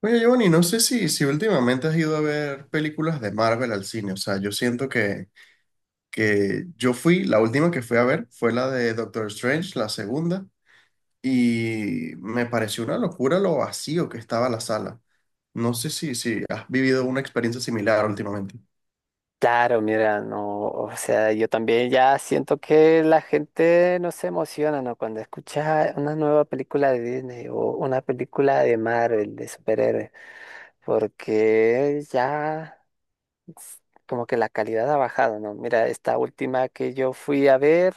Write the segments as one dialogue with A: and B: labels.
A: Oye, Giovanni, no sé si últimamente has ido a ver películas de Marvel al cine. O sea, yo siento que yo fui, la última que fui a ver fue la de Doctor Strange, la segunda, y me pareció una locura lo vacío que estaba la sala. No sé si has vivido una experiencia similar últimamente.
B: Claro, mira, no, o sea, yo también ya siento que la gente no se emociona, ¿no? Cuando escucha una nueva película de Disney o una película de Marvel, de superhéroes, porque ya s- como que la calidad ha bajado, ¿no? Mira, esta última que yo fui a ver.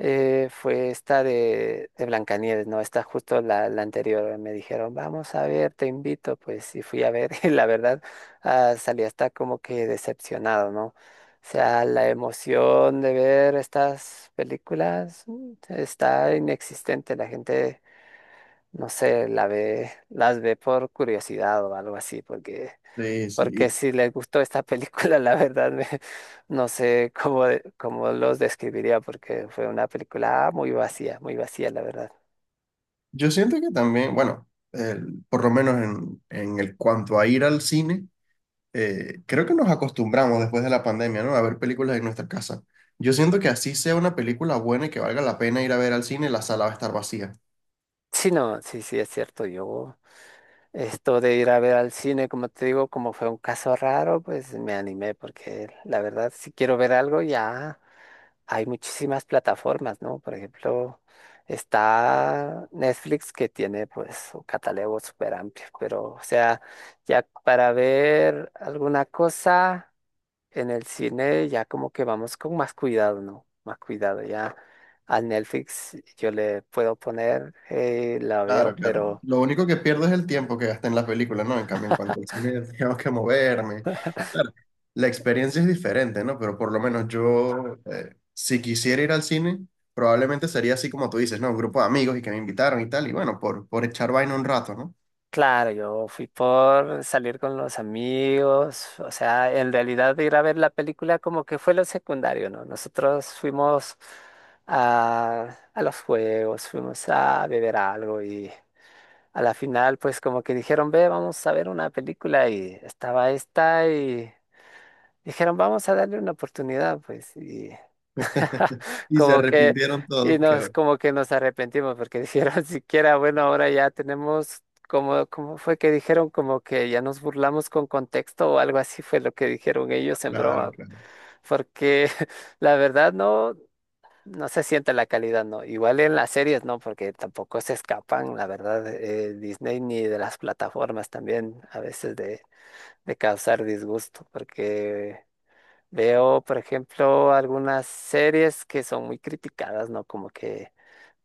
B: Fue esta de Blancanieves, ¿no? Esta justo la anterior. Me dijeron, vamos a ver, te invito. Pues y fui a ver y la verdad salí hasta como que decepcionado, ¿no? O sea, la emoción de ver estas películas está inexistente. La gente, no sé, la ve, las ve por curiosidad o algo así, porque
A: Sí, sí.
B: porque
A: Y
B: si les gustó esta película, la verdad no sé cómo, cómo los describiría, porque fue una película muy vacía, la verdad.
A: yo siento que también, bueno, por lo menos en el cuanto a ir al cine. Creo que nos acostumbramos después de la pandemia, ¿no? A ver películas en nuestra casa. Yo siento que así sea una película buena y que valga la pena ir a ver al cine, la sala va a estar vacía.
B: Sí, no, sí, sí, es cierto, yo esto de ir a ver al cine, como te digo, como fue un caso raro, pues me animé, porque la verdad, si quiero ver algo, ya. Hay muchísimas plataformas, ¿no? Por ejemplo, está Netflix que tiene pues un catálogo súper amplio, pero o sea, ya para ver alguna cosa en el cine ya como que vamos con más cuidado, ¿no? Más cuidado, ya a Netflix yo le puedo poner, la veo,
A: Claro, claro.
B: pero...
A: Lo único que pierdo es el tiempo que gasté en la película, ¿no? En cambio, en cuanto al cine, tengo que moverme. Claro, la experiencia es diferente, ¿no? Pero por lo menos yo, si quisiera ir al cine, probablemente sería así como tú dices, ¿no? Un grupo de amigos y que me invitaron y tal, y bueno, por echar vaina un rato, ¿no?
B: Claro, yo fui por salir con los amigos, o sea, en realidad ir a ver la película como que fue lo secundario, ¿no? Nosotros fuimos a los juegos, fuimos a beber algo y a la final pues como que dijeron, ve, vamos a ver una película y estaba esta y... Dijeron, vamos a darle una oportunidad, pues, y
A: Y se
B: como que,
A: arrepintieron todos, que horror.
B: como que nos arrepentimos, porque dijeron, siquiera, bueno, ahora ya tenemos, como, como fue que dijeron, como que ya nos burlamos con contexto o algo así fue lo que dijeron ellos en
A: Claro,
B: broma,
A: claro.
B: porque la verdad no, no se siente la calidad, no, igual en las series, no, porque tampoco se escapan, la verdad, Disney ni de las plataformas también, a veces de causar disgusto, porque... Veo, por ejemplo, algunas series que son muy criticadas, ¿no? Como que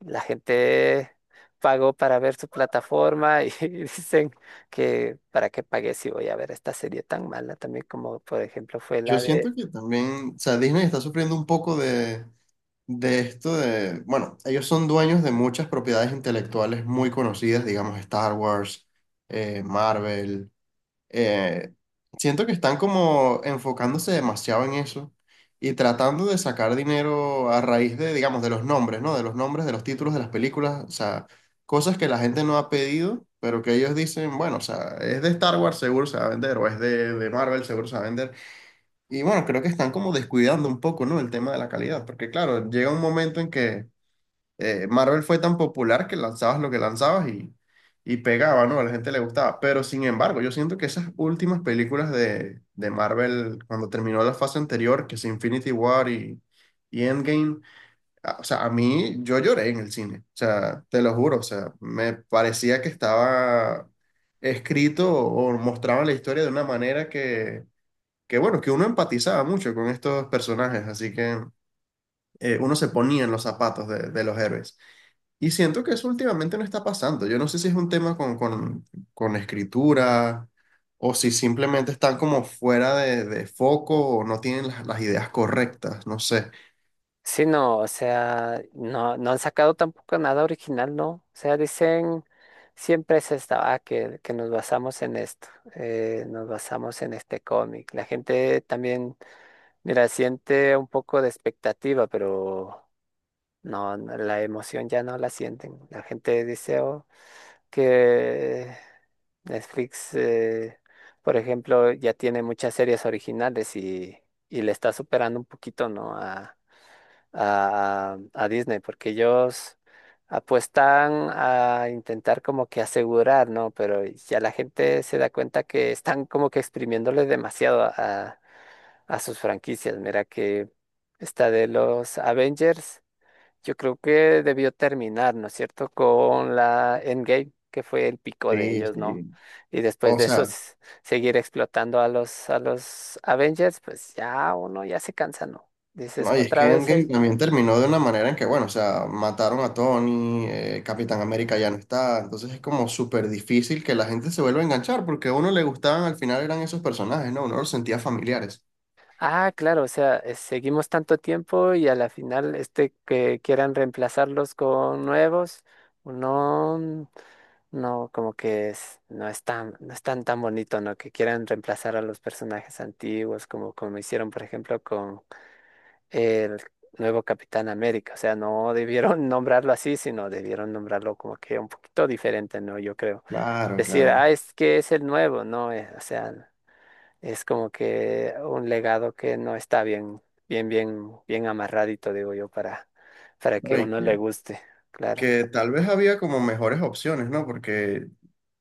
B: la gente pagó para ver su plataforma y dicen que para qué pagué si voy a ver esta serie tan mala también como por ejemplo fue
A: Yo
B: la
A: siento
B: de...
A: que también, o sea, Disney está sufriendo un poco de esto de, bueno, ellos son dueños de muchas propiedades intelectuales muy conocidas, digamos Star Wars, Marvel. eh, Siento que están como enfocándose demasiado en eso y tratando de sacar dinero a raíz de, digamos, de los nombres, ¿no? De los nombres, de los títulos de las películas, o sea, cosas que la gente no ha pedido, pero que ellos dicen, bueno, o sea, es de Star Wars, seguro se va a vender, o es de Marvel, seguro se va a vender. Y bueno, creo que están como descuidando un poco, ¿no? El tema de la calidad, porque claro, llega un momento en que Marvel fue tan popular que lanzabas lo que lanzabas y pegaba, ¿no? A la gente le gustaba. Pero sin embargo, yo siento que esas últimas películas de Marvel, cuando terminó la fase anterior, que es Infinity War y Endgame, o sea, a mí yo lloré en el cine, o sea, te lo juro, o sea, me parecía que estaba escrito o mostraban la historia de una manera que bueno, que uno empatizaba mucho con estos personajes, así que uno se ponía en los zapatos de los héroes. Y siento que eso últimamente no está pasando. Yo no sé si es un tema con escritura o si simplemente están como fuera de foco o no tienen las ideas correctas, no sé.
B: Sí, no, o sea, no, no han sacado tampoco nada original, ¿no? O sea, dicen, siempre es esta, que nos basamos en esto, nos basamos en este cómic. La gente también, mira, siente un poco de expectativa, pero no, no, la emoción ya no la sienten. La gente dice "Oh, que Netflix, por ejemplo, ya tiene muchas series originales y le está superando un poquito, ¿no? a Disney, porque ellos apuestan a intentar como que asegurar, ¿no? Pero ya la gente se da cuenta que están como que exprimiéndole demasiado a sus franquicias. Mira que esta de los Avengers, yo creo que debió terminar, ¿no es cierto?, con la Endgame, que fue el pico de
A: Sí,
B: ellos, ¿no?
A: sí.
B: Y después
A: O
B: de eso,
A: sea,
B: seguir explotando a los Avengers, pues ya uno ya se cansa, ¿no? Dices,
A: no, y es que
B: otra vez,
A: Endgame también terminó de una manera en que, bueno, o sea, mataron a Tony, Capitán América ya no está, entonces es como súper difícil que la gente se vuelva a enganchar, porque a uno le gustaban al final eran esos personajes, ¿no? Uno los sentía familiares.
B: ah, claro, o sea, seguimos tanto tiempo y a la final, este que quieran reemplazarlos con nuevos, no, no, como que es, no es tan tan bonito, ¿no? Que quieran reemplazar a los personajes antiguos, como, como hicieron, por ejemplo, con el nuevo Capitán América. O sea, no debieron nombrarlo así, sino debieron nombrarlo como que un poquito diferente, ¿no? Yo creo.
A: Claro,
B: Decir, ah,
A: claro.
B: es que es el nuevo, ¿no? O sea. Es como que un legado que no está bien, bien, bien, bien amarradito, digo yo, para
A: No,
B: que
A: y
B: uno le guste, claro.
A: que tal vez había como mejores opciones, ¿no? Porque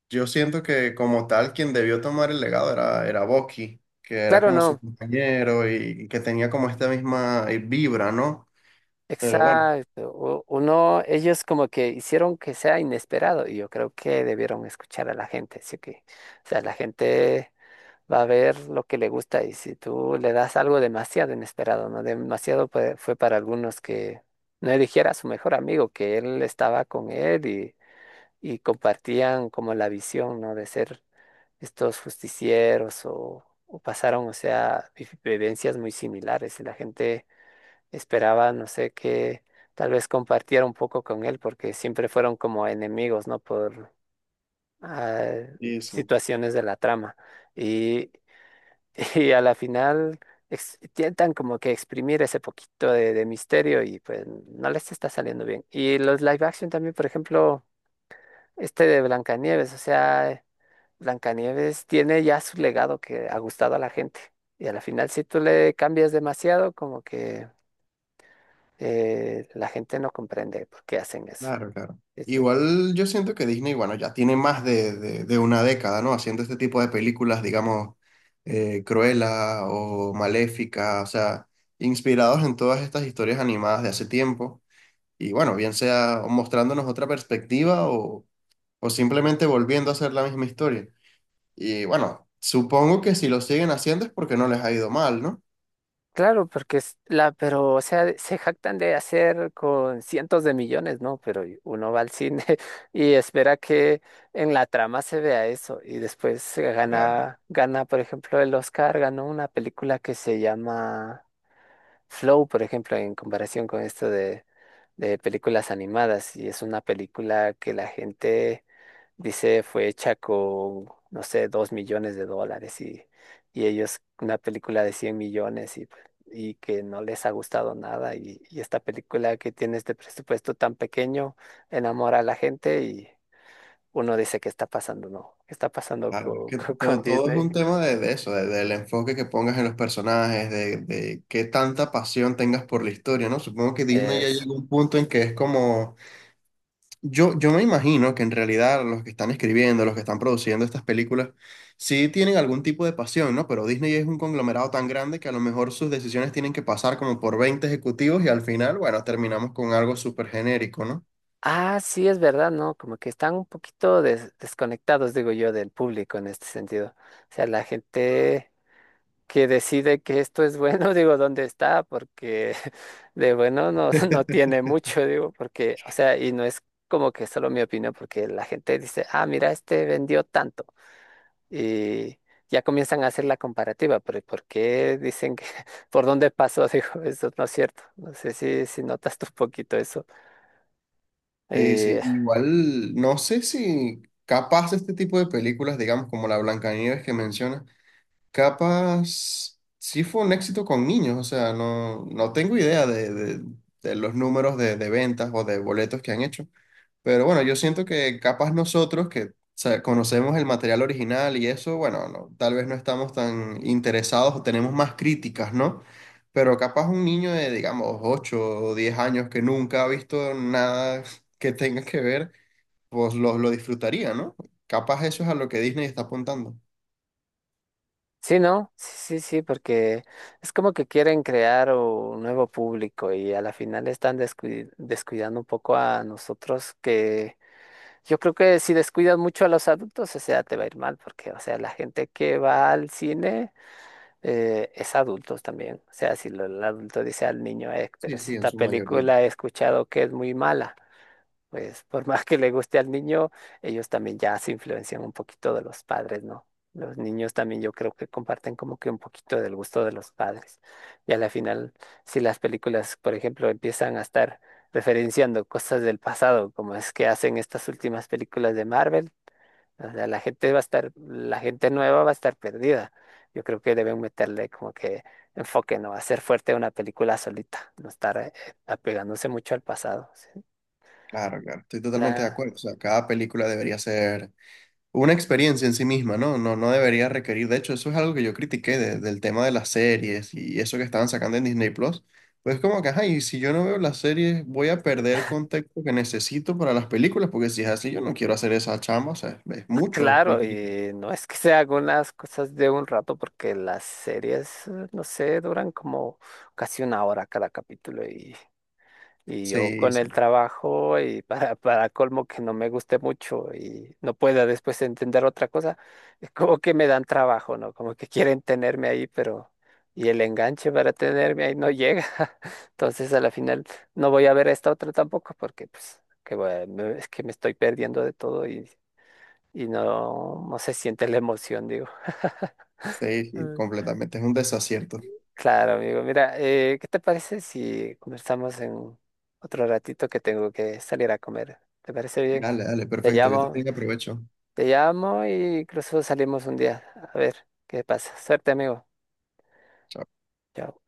A: yo siento que como tal quien debió tomar el legado era Bucky, que era
B: Claro,
A: como su
B: no,
A: compañero y que tenía como esta misma vibra, ¿no? Pero bueno,
B: exacto. Uno, ellos como que hicieron que sea inesperado y yo creo que debieron escuchar a la gente, así que, o sea, la gente va a ver lo que le gusta y si tú le das algo demasiado inesperado, ¿no? Demasiado fue para algunos que no eligiera a su mejor amigo, que él estaba con él y compartían como la visión, ¿no? De ser estos justicieros o pasaron, o sea, vivencias muy similares y la gente esperaba, no sé, que tal vez compartiera un poco con él porque siempre fueron como enemigos, ¿no? Por ah,
A: sí, sí.
B: situaciones de la trama y, y a la final... Intentan como que exprimir ese poquito de misterio y pues no les está saliendo bien. Y los live action también, por ejemplo, este de Blancanieves, o sea, Blancanieves tiene ya su legado que ha gustado a la gente. Y a la final, si tú le cambias demasiado, como que la gente no comprende por qué hacen eso.
A: Claro, claro.
B: Es que,
A: Igual yo siento que Disney, bueno, ya tiene más de una década, ¿no? Haciendo este tipo de películas, digamos, Cruella o Maléfica, o sea, inspirados en todas estas historias animadas de hace tiempo. Y bueno, bien sea mostrándonos otra perspectiva o simplemente volviendo a hacer la misma historia. Y bueno, supongo que si lo siguen haciendo es porque no les ha ido mal, ¿no?
B: claro, porque es la, pero, o sea, se jactan de hacer con cientos de millones, ¿no? Pero uno va al cine y espera que en la trama se vea eso. Y después gana, por ejemplo, el Oscar, ganó una película que se llama Flow, por ejemplo, en comparación con esto de películas animadas y es una película que la gente dice fue hecha con, no sé, 2 millones de dólares y ellos una película de 100 millones y, pues, y que no les ha gustado nada y, y esta película que tiene este presupuesto tan pequeño enamora a la gente y uno dice, ¿qué está pasando? No, ¿qué está pasando
A: Claro, es que
B: con,
A: todo es un
B: Disney?
A: tema de eso, del enfoque que pongas en los personajes, de qué tanta pasión tengas por la historia, ¿no? Supongo que Disney ya
B: Es
A: llegó a un punto en que es como, yo me imagino que en realidad los que están escribiendo, los que están produciendo estas películas, sí tienen algún tipo de pasión, ¿no? Pero Disney es un conglomerado tan grande que a lo mejor sus decisiones tienen que pasar como por 20 ejecutivos y al final, bueno, terminamos con algo súper genérico, ¿no?
B: Ah, sí, es verdad, ¿no? Como que están un poquito desconectados, digo yo, del público en este sentido. O sea, la gente que decide que esto es bueno, digo, ¿dónde está? Porque de bueno no, no tiene mucho, digo, porque, o sea, y no es como que solo mi opinión, porque la gente dice, ah, mira, este vendió tanto. Y ya comienzan a hacer la comparativa, pero ¿por qué dicen que, por dónde pasó? Digo, eso no es cierto. No sé si, si notas tú un poquito eso.
A: Sí, sí,
B: Eh,
A: igual no sé si capaz este tipo de películas, digamos como la Blancanieves que mencionas, capaz sí fue un éxito con niños, o sea, no, no tengo idea de los números de ventas o de boletos que han hecho, pero bueno, yo siento que capaz nosotros que o sea, conocemos el material original y eso, bueno, no, tal vez no estamos tan interesados o tenemos más críticas, ¿no? Pero capaz un niño de, digamos, 8 o 10 años que nunca ha visto nada que tenga que ver, pues lo disfrutaría, ¿no? Capaz eso es a lo que Disney está apuntando.
B: Sí, ¿no? Sí, sí, sí, porque es como que quieren crear un nuevo público y a la final están descuidando un poco a nosotros que yo creo que si descuidas mucho a los adultos, o sea, te va a ir mal, porque, o sea, la gente que va al cine es adultos también. O sea, si lo- el adulto dice al niño, pero
A: Sí,
B: si
A: sí, en
B: esta
A: su mayoría.
B: película he escuchado que es muy mala pues por más que le guste al niño, ellos también ya se influencian un poquito de los padres, ¿no? Los niños también yo creo que comparten como que un poquito del gusto de los padres. Y a la final, si las películas, por ejemplo, empiezan a estar referenciando cosas del pasado, como es que hacen estas últimas películas de Marvel, o sea, la gente va a estar, la gente nueva va a estar perdida. Yo creo que deben meterle como que enfoque, ¿no? Hacer fuerte una película solita, no estar apegándose mucho al pasado. ¿Sí?
A: Claro, claro, estoy totalmente de
B: La,
A: acuerdo. O sea, cada película debería ser una experiencia en sí misma, ¿no? No, no debería requerir. De hecho, eso es algo que yo critiqué del tema de las series y eso que estaban sacando en Disney Plus. Pues como que, ajá, y si yo no veo las series, voy a perder contexto que necesito para las películas, porque si es así, yo no quiero hacer esa chamba, o sea, es mucho
B: Claro,
A: contenido.
B: y no es que se hagan las cosas de un rato, porque las series, no sé, duran como casi una hora cada capítulo y yo
A: Sí,
B: con el
A: sí,
B: trabajo y para colmo que no me guste mucho y no pueda después entender otra cosa, es como que me dan trabajo, ¿no? Como que quieren tenerme ahí, pero y el enganche para tenerme ahí no llega. Entonces a la final no voy a ver esta otra tampoco, porque pues que, es que me estoy perdiendo de todo y no, no se siente la emoción, digo.
A: sí, sí,
B: Mm.
A: completamente, es un desacierto.
B: Claro, amigo. Mira, ¿qué te parece si conversamos en otro ratito que tengo que salir a comer? ¿Te parece bien?
A: Dale, dale,
B: Te
A: perfecto, yo te
B: llamo,
A: tengo, aprovecho.
B: te llamo y incluso salimos un día. A ver qué pasa. Suerte, amigo.
A: Chao.
B: Chao.